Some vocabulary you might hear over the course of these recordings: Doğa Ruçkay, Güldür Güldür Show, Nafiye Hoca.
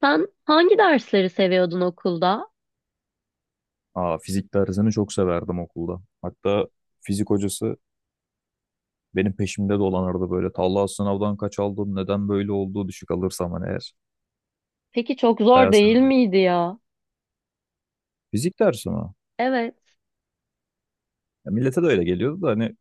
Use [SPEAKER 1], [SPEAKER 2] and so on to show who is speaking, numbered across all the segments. [SPEAKER 1] Sen hangi dersleri seviyordun okulda?
[SPEAKER 2] Fizik dersini çok severdim okulda. Hatta fizik hocası benim peşimde dolanırdı böyle. Talha sınavdan kaç aldın, neden böyle oldu düşük alırsam hani eğer.
[SPEAKER 1] Peki çok zor
[SPEAKER 2] Bayağı
[SPEAKER 1] değil
[SPEAKER 2] severdim.
[SPEAKER 1] miydi ya?
[SPEAKER 2] Fizik dersi mi?
[SPEAKER 1] Evet.
[SPEAKER 2] Ya millete de öyle geliyordu da hani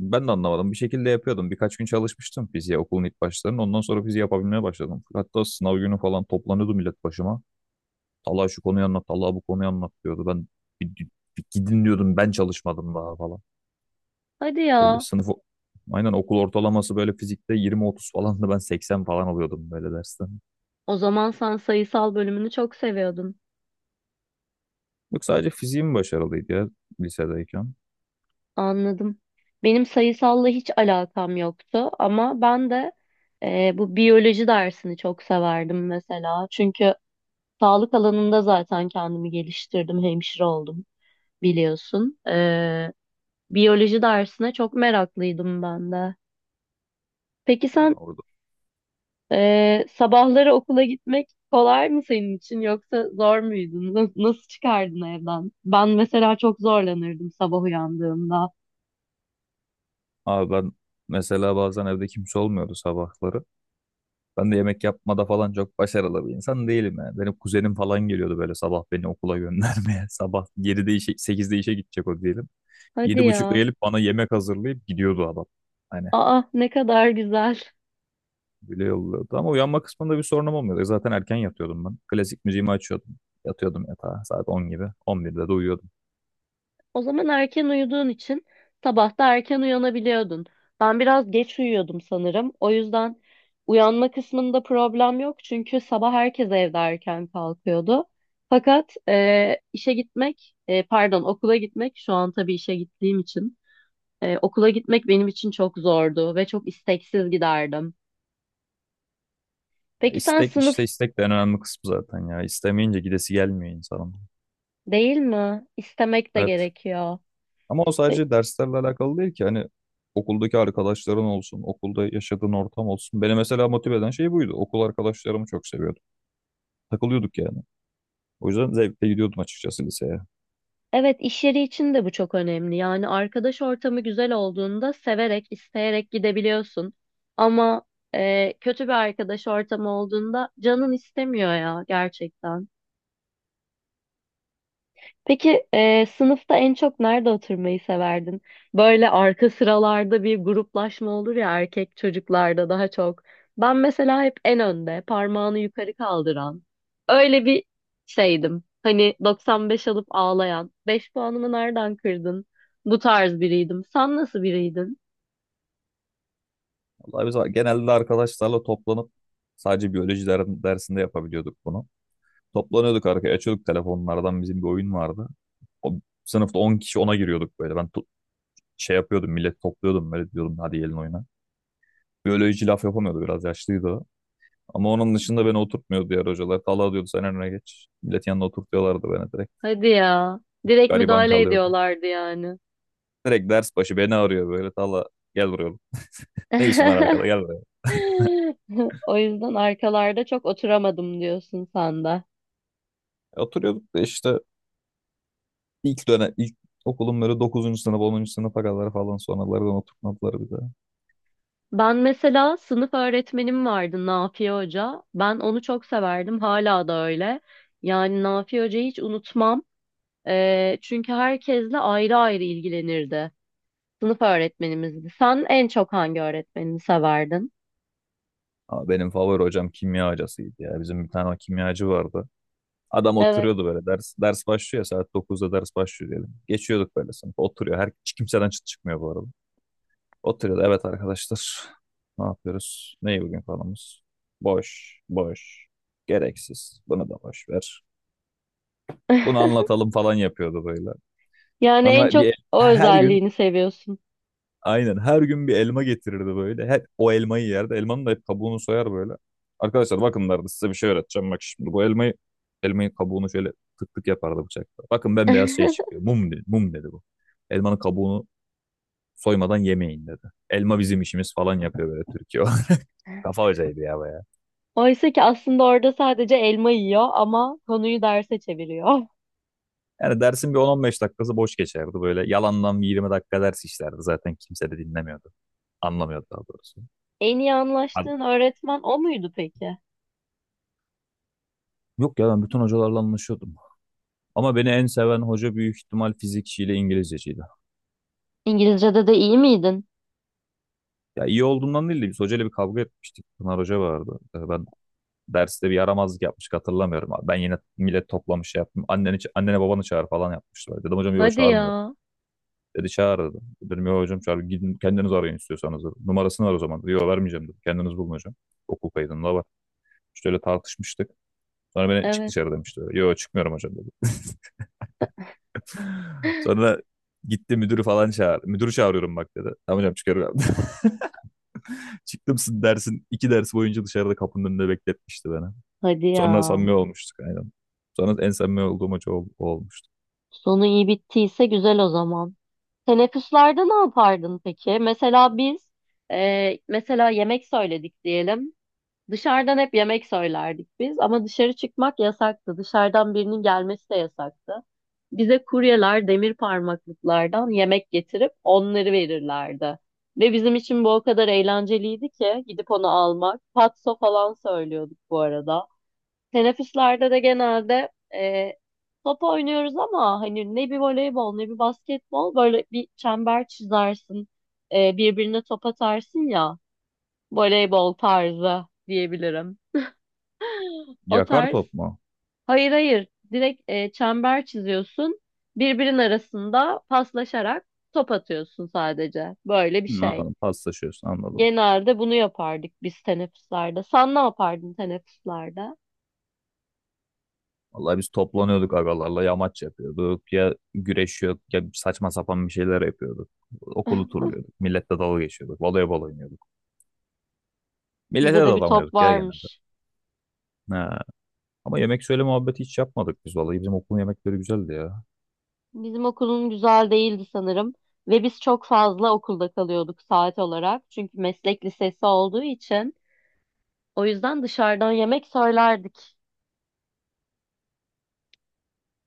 [SPEAKER 2] ben de anlamadım. Bir şekilde yapıyordum. Birkaç gün çalışmıştım fiziğe okulun ilk başlarında. Ondan sonra fiziği yapabilmeye başladım. Hatta sınav günü falan toplanıyordu millet başıma. Talha şu konuyu anlat, Talha bu konuyu anlat diyordu. Ben bir, bir gidin diyordum, ben çalışmadım daha falan.
[SPEAKER 1] Hadi
[SPEAKER 2] Böyle
[SPEAKER 1] ya.
[SPEAKER 2] sınıf, aynen, okul ortalaması böyle fizikte 20-30 falan da ben 80 falan alıyordum böyle dersten.
[SPEAKER 1] O zaman sen sayısal bölümünü çok seviyordun.
[SPEAKER 2] Yok, sadece fiziğim başarılıydı ya lisedeyken.
[SPEAKER 1] Anladım. Benim sayısalla hiç alakam yoktu ama ben de bu biyoloji dersini çok severdim mesela. Çünkü sağlık alanında zaten kendimi geliştirdim, hemşire oldum biliyorsun. Biyoloji dersine çok meraklıydım ben de. Peki
[SPEAKER 2] Ya
[SPEAKER 1] sen
[SPEAKER 2] orada.
[SPEAKER 1] Sabahları okula gitmek kolay mı senin için yoksa zor muydun? Nasıl çıkardın evden? Ben mesela çok zorlanırdım sabah uyandığımda.
[SPEAKER 2] Abi ben mesela bazen evde kimse olmuyordu sabahları. Ben de yemek yapmada falan çok başarılı bir insan değilim yani. Benim kuzenim falan geliyordu böyle sabah beni okula göndermeye. Sabah 7'de işe, 8'de işe gidecek o diyelim. Yedi
[SPEAKER 1] Hadi
[SPEAKER 2] buçukta
[SPEAKER 1] ya.
[SPEAKER 2] gelip bana yemek hazırlayıp gidiyordu adam. Hani
[SPEAKER 1] Aa, ne kadar güzel.
[SPEAKER 2] bile yolluyordu. Ama uyanma kısmında bir sorunum olmuyordu. Zaten erken yatıyordum ben. Klasik müziğimi açıyordum. Yatıyordum yatağa saat 10 gibi. 11'de de uyuyordum.
[SPEAKER 1] O zaman erken uyuduğun için sabah da erken uyanabiliyordun. Ben biraz geç uyuyordum sanırım. O yüzden uyanma kısmında problem yok çünkü sabah herkes evde erken kalkıyordu. Fakat işe gitmek, pardon, okula gitmek şu an tabii işe gittiğim için. Okula gitmek benim için çok zordu ve çok isteksiz giderdim.
[SPEAKER 2] Ya
[SPEAKER 1] Peki sen
[SPEAKER 2] istek, işte
[SPEAKER 1] sınıf
[SPEAKER 2] istek de en önemli kısmı zaten ya. İstemeyince gidesi gelmiyor insanın.
[SPEAKER 1] değil mi? İstemek de
[SPEAKER 2] Evet.
[SPEAKER 1] gerekiyor.
[SPEAKER 2] Ama o
[SPEAKER 1] Pe-
[SPEAKER 2] sadece derslerle alakalı değil ki. Hani okuldaki arkadaşların olsun, okulda yaşadığın ortam olsun. Beni mesela motive eden şey buydu. Okul arkadaşlarımı çok seviyordum. Takılıyorduk yani. O yüzden zevkle gidiyordum açıkçası liseye.
[SPEAKER 1] Evet, iş yeri için de bu çok önemli. Yani arkadaş ortamı güzel olduğunda severek, isteyerek gidebiliyorsun. Ama kötü bir arkadaş ortamı olduğunda canın istemiyor ya gerçekten. Peki sınıfta en çok nerede oturmayı severdin? Böyle arka sıralarda bir gruplaşma olur ya, erkek çocuklarda daha çok. Ben mesela hep en önde, parmağını yukarı kaldıran. Öyle bir şeydim. Hani 95 alıp ağlayan. Beş puanımı nereden kırdın? Bu tarz biriydim. Sen nasıl biriydin?
[SPEAKER 2] Vallahi biz genelde arkadaşlarla toplanıp sadece biyoloji dersinde yapabiliyorduk bunu. Toplanıyorduk, arkaya açıyorduk telefonlardan, bizim bir oyun vardı. O, sınıfta 10 kişi ona giriyorduk böyle. Ben şey yapıyordum, millet topluyordum böyle, diyordum hadi gelin oyuna. Biyoloji laf yapamıyordu, biraz yaşlıydı o. Ama onun dışında beni oturtmuyordu diğer hocalar. Talha diyordu sen önüne geç. Millet yanına oturtuyorlardı beni direkt.
[SPEAKER 1] Hadi ya. Direkt
[SPEAKER 2] Gariban
[SPEAKER 1] müdahale
[SPEAKER 2] kalıyordu.
[SPEAKER 1] ediyorlardı yani.
[SPEAKER 2] Direkt ders başı beni arıyor böyle. Talha, gel buraya oğlum. Ne işin var arkada, gel buraya.
[SPEAKER 1] O yüzden arkalarda çok oturamadım diyorsun sen de.
[SPEAKER 2] Oturuyorduk da işte ilk dönem, ilk okulun böyle dokuzuncu sınıf, 10. sınıfa kadar falan, sonralardan oturtmadılar bize.
[SPEAKER 1] Ben mesela sınıf öğretmenim vardı, Nafiye Hoca. Ben onu çok severdim. Hala da öyle. Yani Nafiye Hoca'yı hiç unutmam. Çünkü herkesle ayrı ayrı ilgilenirdi. Sınıf öğretmenimizdi. Sen en çok hangi öğretmenini severdin?
[SPEAKER 2] Ama benim favori hocam kimya hocasıydı ya. Bizim bir tane kimyacı vardı. Adam
[SPEAKER 1] Evet.
[SPEAKER 2] oturuyordu böyle. Ders ders başlıyor ya, saat dokuzda ders başlıyor diyelim. Geçiyorduk böyle sınıf. Oturuyor. Her, hiç kimseden çıt çıkmıyor bu arada. Oturuyordu. Evet arkadaşlar. Ne yapıyoruz? Neyi, bugün konumuz? Boş. Boş. Gereksiz. Bunu da boş ver. Bunu anlatalım falan yapıyordu böyle.
[SPEAKER 1] Yani en
[SPEAKER 2] Sonra
[SPEAKER 1] çok o
[SPEAKER 2] her gün,
[SPEAKER 1] özelliğini seviyorsun.
[SPEAKER 2] aynen her gün bir elma getirirdi böyle. Hep o elmayı yerdi. Elmanın da hep kabuğunu soyar böyle. Arkadaşlar bakın derdi, size bir şey öğreteceğim. Bak şimdi bu elmayı, elmayın kabuğunu şöyle tık tık yapardı bıçakla. Bakın bembeyaz şey çıkıyor. Mum dedi. Mum dedi bu. Elmanın kabuğunu soymadan yemeyin dedi. Elma bizim işimiz falan yapıyor böyle Türkiye. Kafa hocaydı ya baya.
[SPEAKER 1] Oysa ki aslında orada sadece elma yiyor ama konuyu derse çeviriyor.
[SPEAKER 2] Yani dersin bir 10-15 dakikası boş geçerdi böyle. Yalandan bir 20 dakika ders işlerdi. Zaten kimse de dinlemiyordu. Anlamıyordu daha doğrusu.
[SPEAKER 1] En iyi
[SPEAKER 2] Abi,
[SPEAKER 1] anlaştığın öğretmen o muydu peki?
[SPEAKER 2] yok ya, ben bütün hocalarla anlaşıyordum. Ama beni en seven hoca büyük ihtimal fizikçiyle İngilizceciydi.
[SPEAKER 1] İngilizce'de de iyi miydin?
[SPEAKER 2] Ya iyi olduğumdan değil de biz hocayla bir kavga etmiştik. Pınar Hoca vardı. Ben derste bir yaramazlık yapmıştık, hatırlamıyorum. Ben yine millet toplamış şey yaptım. Anneni, annene babanı çağır falan yapmışlar. Dedim hocam yok
[SPEAKER 1] Hadi
[SPEAKER 2] çağırmıyor.
[SPEAKER 1] ya.
[SPEAKER 2] Dedi çağır dedi. Dedim yok hocam, çağır. Gidin kendiniz arayın istiyorsanız, dedi. Numarasını var o zaman, dedi. Yok vermeyeceğim dedi. Kendiniz bulun hocam. Okul kaydında var. İşte öyle tartışmıştık. Sonra beni çık
[SPEAKER 1] Evet.
[SPEAKER 2] dışarı demişti. Yok çıkmıyorum hocam dedi. Sonra gitti, müdürü falan çağır. Müdürü çağırıyorum bak dedi. Tamam hocam çıkıyorum. Çıktımsın dersin, iki ders boyunca dışarıda kapının önünde bekletmişti beni.
[SPEAKER 1] Hadi ya.
[SPEAKER 2] Sonra samimi olmuştuk aynen. Sonra en samimi olduğum hoca o olmuştu.
[SPEAKER 1] Sonu iyi bittiyse güzel o zaman. Teneffüslerde ne yapardın peki? Mesela biz mesela yemek söyledik diyelim. Dışarıdan hep yemek söylerdik biz ama dışarı çıkmak yasaktı. Dışarıdan birinin gelmesi de yasaktı. Bize kuryeler demir parmaklıklardan yemek getirip onları verirlerdi. Ve bizim için bu o kadar eğlenceliydi ki gidip onu almak. Patso falan söylüyorduk bu arada. Teneffüslerde de genelde top oynuyoruz ama hani ne bir voleybol ne bir basketbol, böyle bir çember çizersin. Birbirine top atarsın ya, voleybol tarzı diyebilirim. O
[SPEAKER 2] Yakar
[SPEAKER 1] tarz.
[SPEAKER 2] top mu?
[SPEAKER 1] Hayır hayır, direkt çember çiziyorsun. Birbirinin arasında paslaşarak top atıyorsun sadece. Böyle bir
[SPEAKER 2] Hı,
[SPEAKER 1] şey.
[SPEAKER 2] anladım. Paslaşıyorsun, anladım.
[SPEAKER 1] Genelde bunu yapardık biz teneffüslerde. Sen ne yapardın teneffüslerde?
[SPEAKER 2] Vallahi biz toplanıyorduk agalarla. Yamaç yapıyorduk. Ya güreşiyorduk. Ya saçma sapan bir şeyler yapıyorduk. Okulu turluyorduk. Milletle dalga geçiyorduk. Voleybol oynuyorduk. Millete de
[SPEAKER 1] Sizde de bir top
[SPEAKER 2] dalamıyorduk ya genelde.
[SPEAKER 1] varmış.
[SPEAKER 2] Ha. Ama yemek söyle muhabbeti hiç yapmadık biz vallahi. Bizim okulun yemekleri güzeldi ya.
[SPEAKER 1] Bizim okulun güzel değildi sanırım ve biz çok fazla okulda kalıyorduk saat olarak. Çünkü meslek lisesi olduğu için, o yüzden dışarıdan yemek söylerdik.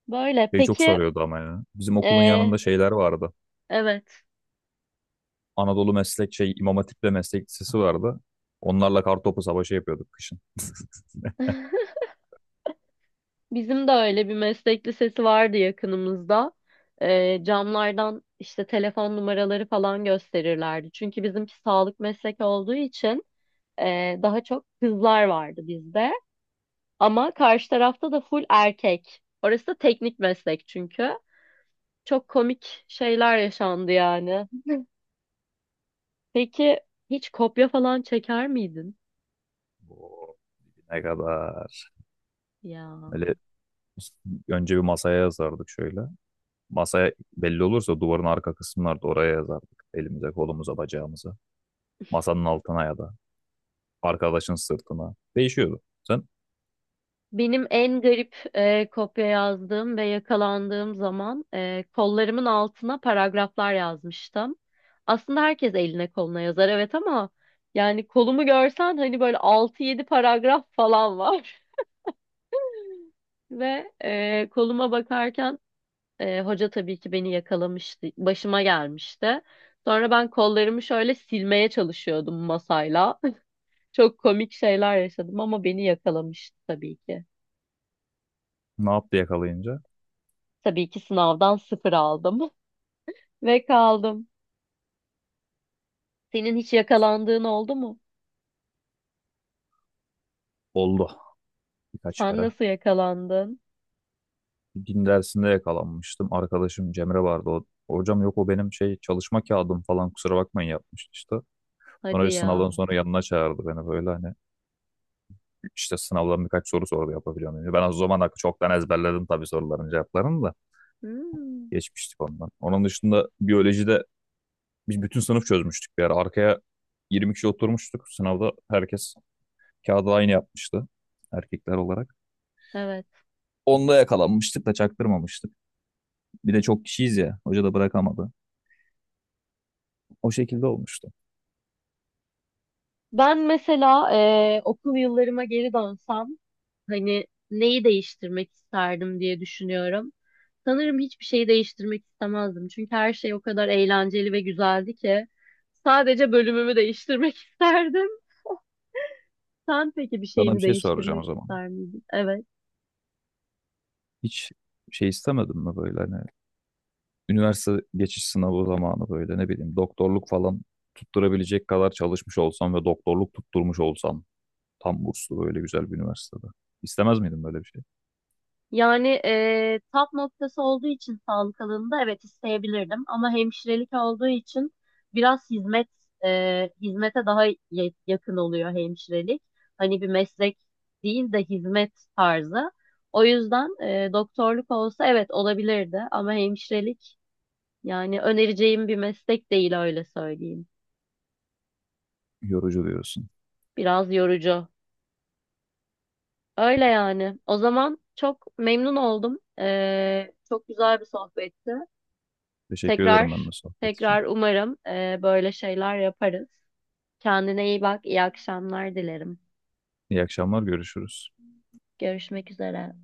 [SPEAKER 1] Böyle
[SPEAKER 2] Şey çok
[SPEAKER 1] peki
[SPEAKER 2] sarıyordu ama ya. Bizim okulun
[SPEAKER 1] e,
[SPEAKER 2] yanında şeyler vardı.
[SPEAKER 1] evet,
[SPEAKER 2] Anadolu Meslek şey, İmam Hatip ve Meslek Lisesi vardı. Onlarla kartopu savaşı yapıyorduk kışın.
[SPEAKER 1] bizim de öyle bir meslek lisesi vardı yakınımızda. Camlardan işte telefon numaraları falan gösterirlerdi. Çünkü bizimki sağlık meslek olduğu için daha çok kızlar vardı bizde. Ama karşı tarafta da full erkek. Orası da teknik meslek çünkü. Çok komik şeyler yaşandı yani. Peki hiç kopya falan çeker miydin?
[SPEAKER 2] Oo, ne kadar.
[SPEAKER 1] Ya
[SPEAKER 2] Böyle önce bir masaya yazardık şöyle. Masaya belli olursa duvarın arka kısımlarda oraya yazardık. Elimize, kolumuza, bacağımıza. Masanın altına ya da arkadaşın sırtına. Değişiyordu. Sen
[SPEAKER 1] benim en garip kopya yazdığım ve yakalandığım zaman kollarımın altına paragraflar yazmıştım. Aslında herkes eline koluna yazar evet ama yani kolumu görsen hani böyle altı yedi paragraf falan var. Ve koluma bakarken hoca tabii ki beni yakalamıştı. Başıma gelmişti. Sonra ben kollarımı şöyle silmeye çalışıyordum masayla. Çok komik şeyler yaşadım ama beni yakalamıştı tabii ki.
[SPEAKER 2] ne yaptı yakalayınca?
[SPEAKER 1] Tabii ki sınavdan sıfır aldım ve kaldım. Senin hiç yakalandığın oldu mu?
[SPEAKER 2] Oldu, birkaç
[SPEAKER 1] Sen
[SPEAKER 2] kere.
[SPEAKER 1] nasıl yakalandın?
[SPEAKER 2] Din dersinde yakalanmıştım. Arkadaşım Cemre vardı. O, hocam yok o benim şey çalışma kağıdım falan kusura bakmayın yapmıştı işte. Sonra
[SPEAKER 1] Hadi
[SPEAKER 2] bir sınavdan
[SPEAKER 1] ya.
[SPEAKER 2] sonra yanına çağırdı beni böyle, hani işte sınavdan birkaç soru sordu yapabiliyor muyum? Ben o zaman hakkı çoktan ezberledim tabii soruların cevaplarını da,
[SPEAKER 1] Hmm,
[SPEAKER 2] geçmiştik ondan. Onun dışında biyolojide biz bütün sınıf çözmüştük bir ara. Arkaya 20 kişi oturmuştuk. Sınavda herkes kağıdı aynı yapmıştı erkekler olarak.
[SPEAKER 1] evet.
[SPEAKER 2] Onda yakalanmıştık da çaktırmamıştık. Bir de çok kişiyiz ya. Hoca da bırakamadı. O şekilde olmuştu.
[SPEAKER 1] Ben mesela okul yıllarıma geri dönsem, hani neyi değiştirmek isterdim diye düşünüyorum. Sanırım hiçbir şeyi değiştirmek istemezdim. Çünkü her şey o kadar eğlenceli ve güzeldi ki sadece bölümümü değiştirmek isterdim. Sen peki bir
[SPEAKER 2] Sana bir
[SPEAKER 1] şeyini
[SPEAKER 2] şey soracağım o
[SPEAKER 1] değiştirmek
[SPEAKER 2] zaman.
[SPEAKER 1] ister miydin? Evet.
[SPEAKER 2] Hiç şey istemedin mi böyle, hani üniversite geçiş sınavı zamanı böyle, ne bileyim doktorluk falan tutturabilecek kadar çalışmış olsam ve doktorluk tutturmuş olsam tam burslu böyle güzel bir üniversitede. İstemez miydin böyle bir şey?
[SPEAKER 1] Yani tap noktası olduğu için sağlık alanında evet isteyebilirdim ama hemşirelik olduğu için biraz hizmet, hizmete daha yakın oluyor hemşirelik. Hani bir meslek değil de hizmet tarzı. O yüzden doktorluk olsa evet olabilirdi ama hemşirelik, yani önereceğim bir meslek değil, öyle söyleyeyim.
[SPEAKER 2] Yorucu diyorsun.
[SPEAKER 1] Biraz yorucu. Öyle yani. O zaman çok memnun oldum. Çok güzel bir sohbetti.
[SPEAKER 2] Teşekkür ederim ben de
[SPEAKER 1] Tekrar
[SPEAKER 2] sohbet için.
[SPEAKER 1] tekrar umarım böyle şeyler yaparız. Kendine iyi bak, iyi akşamlar dilerim.
[SPEAKER 2] İyi akşamlar, görüşürüz.
[SPEAKER 1] Görüşmek üzere.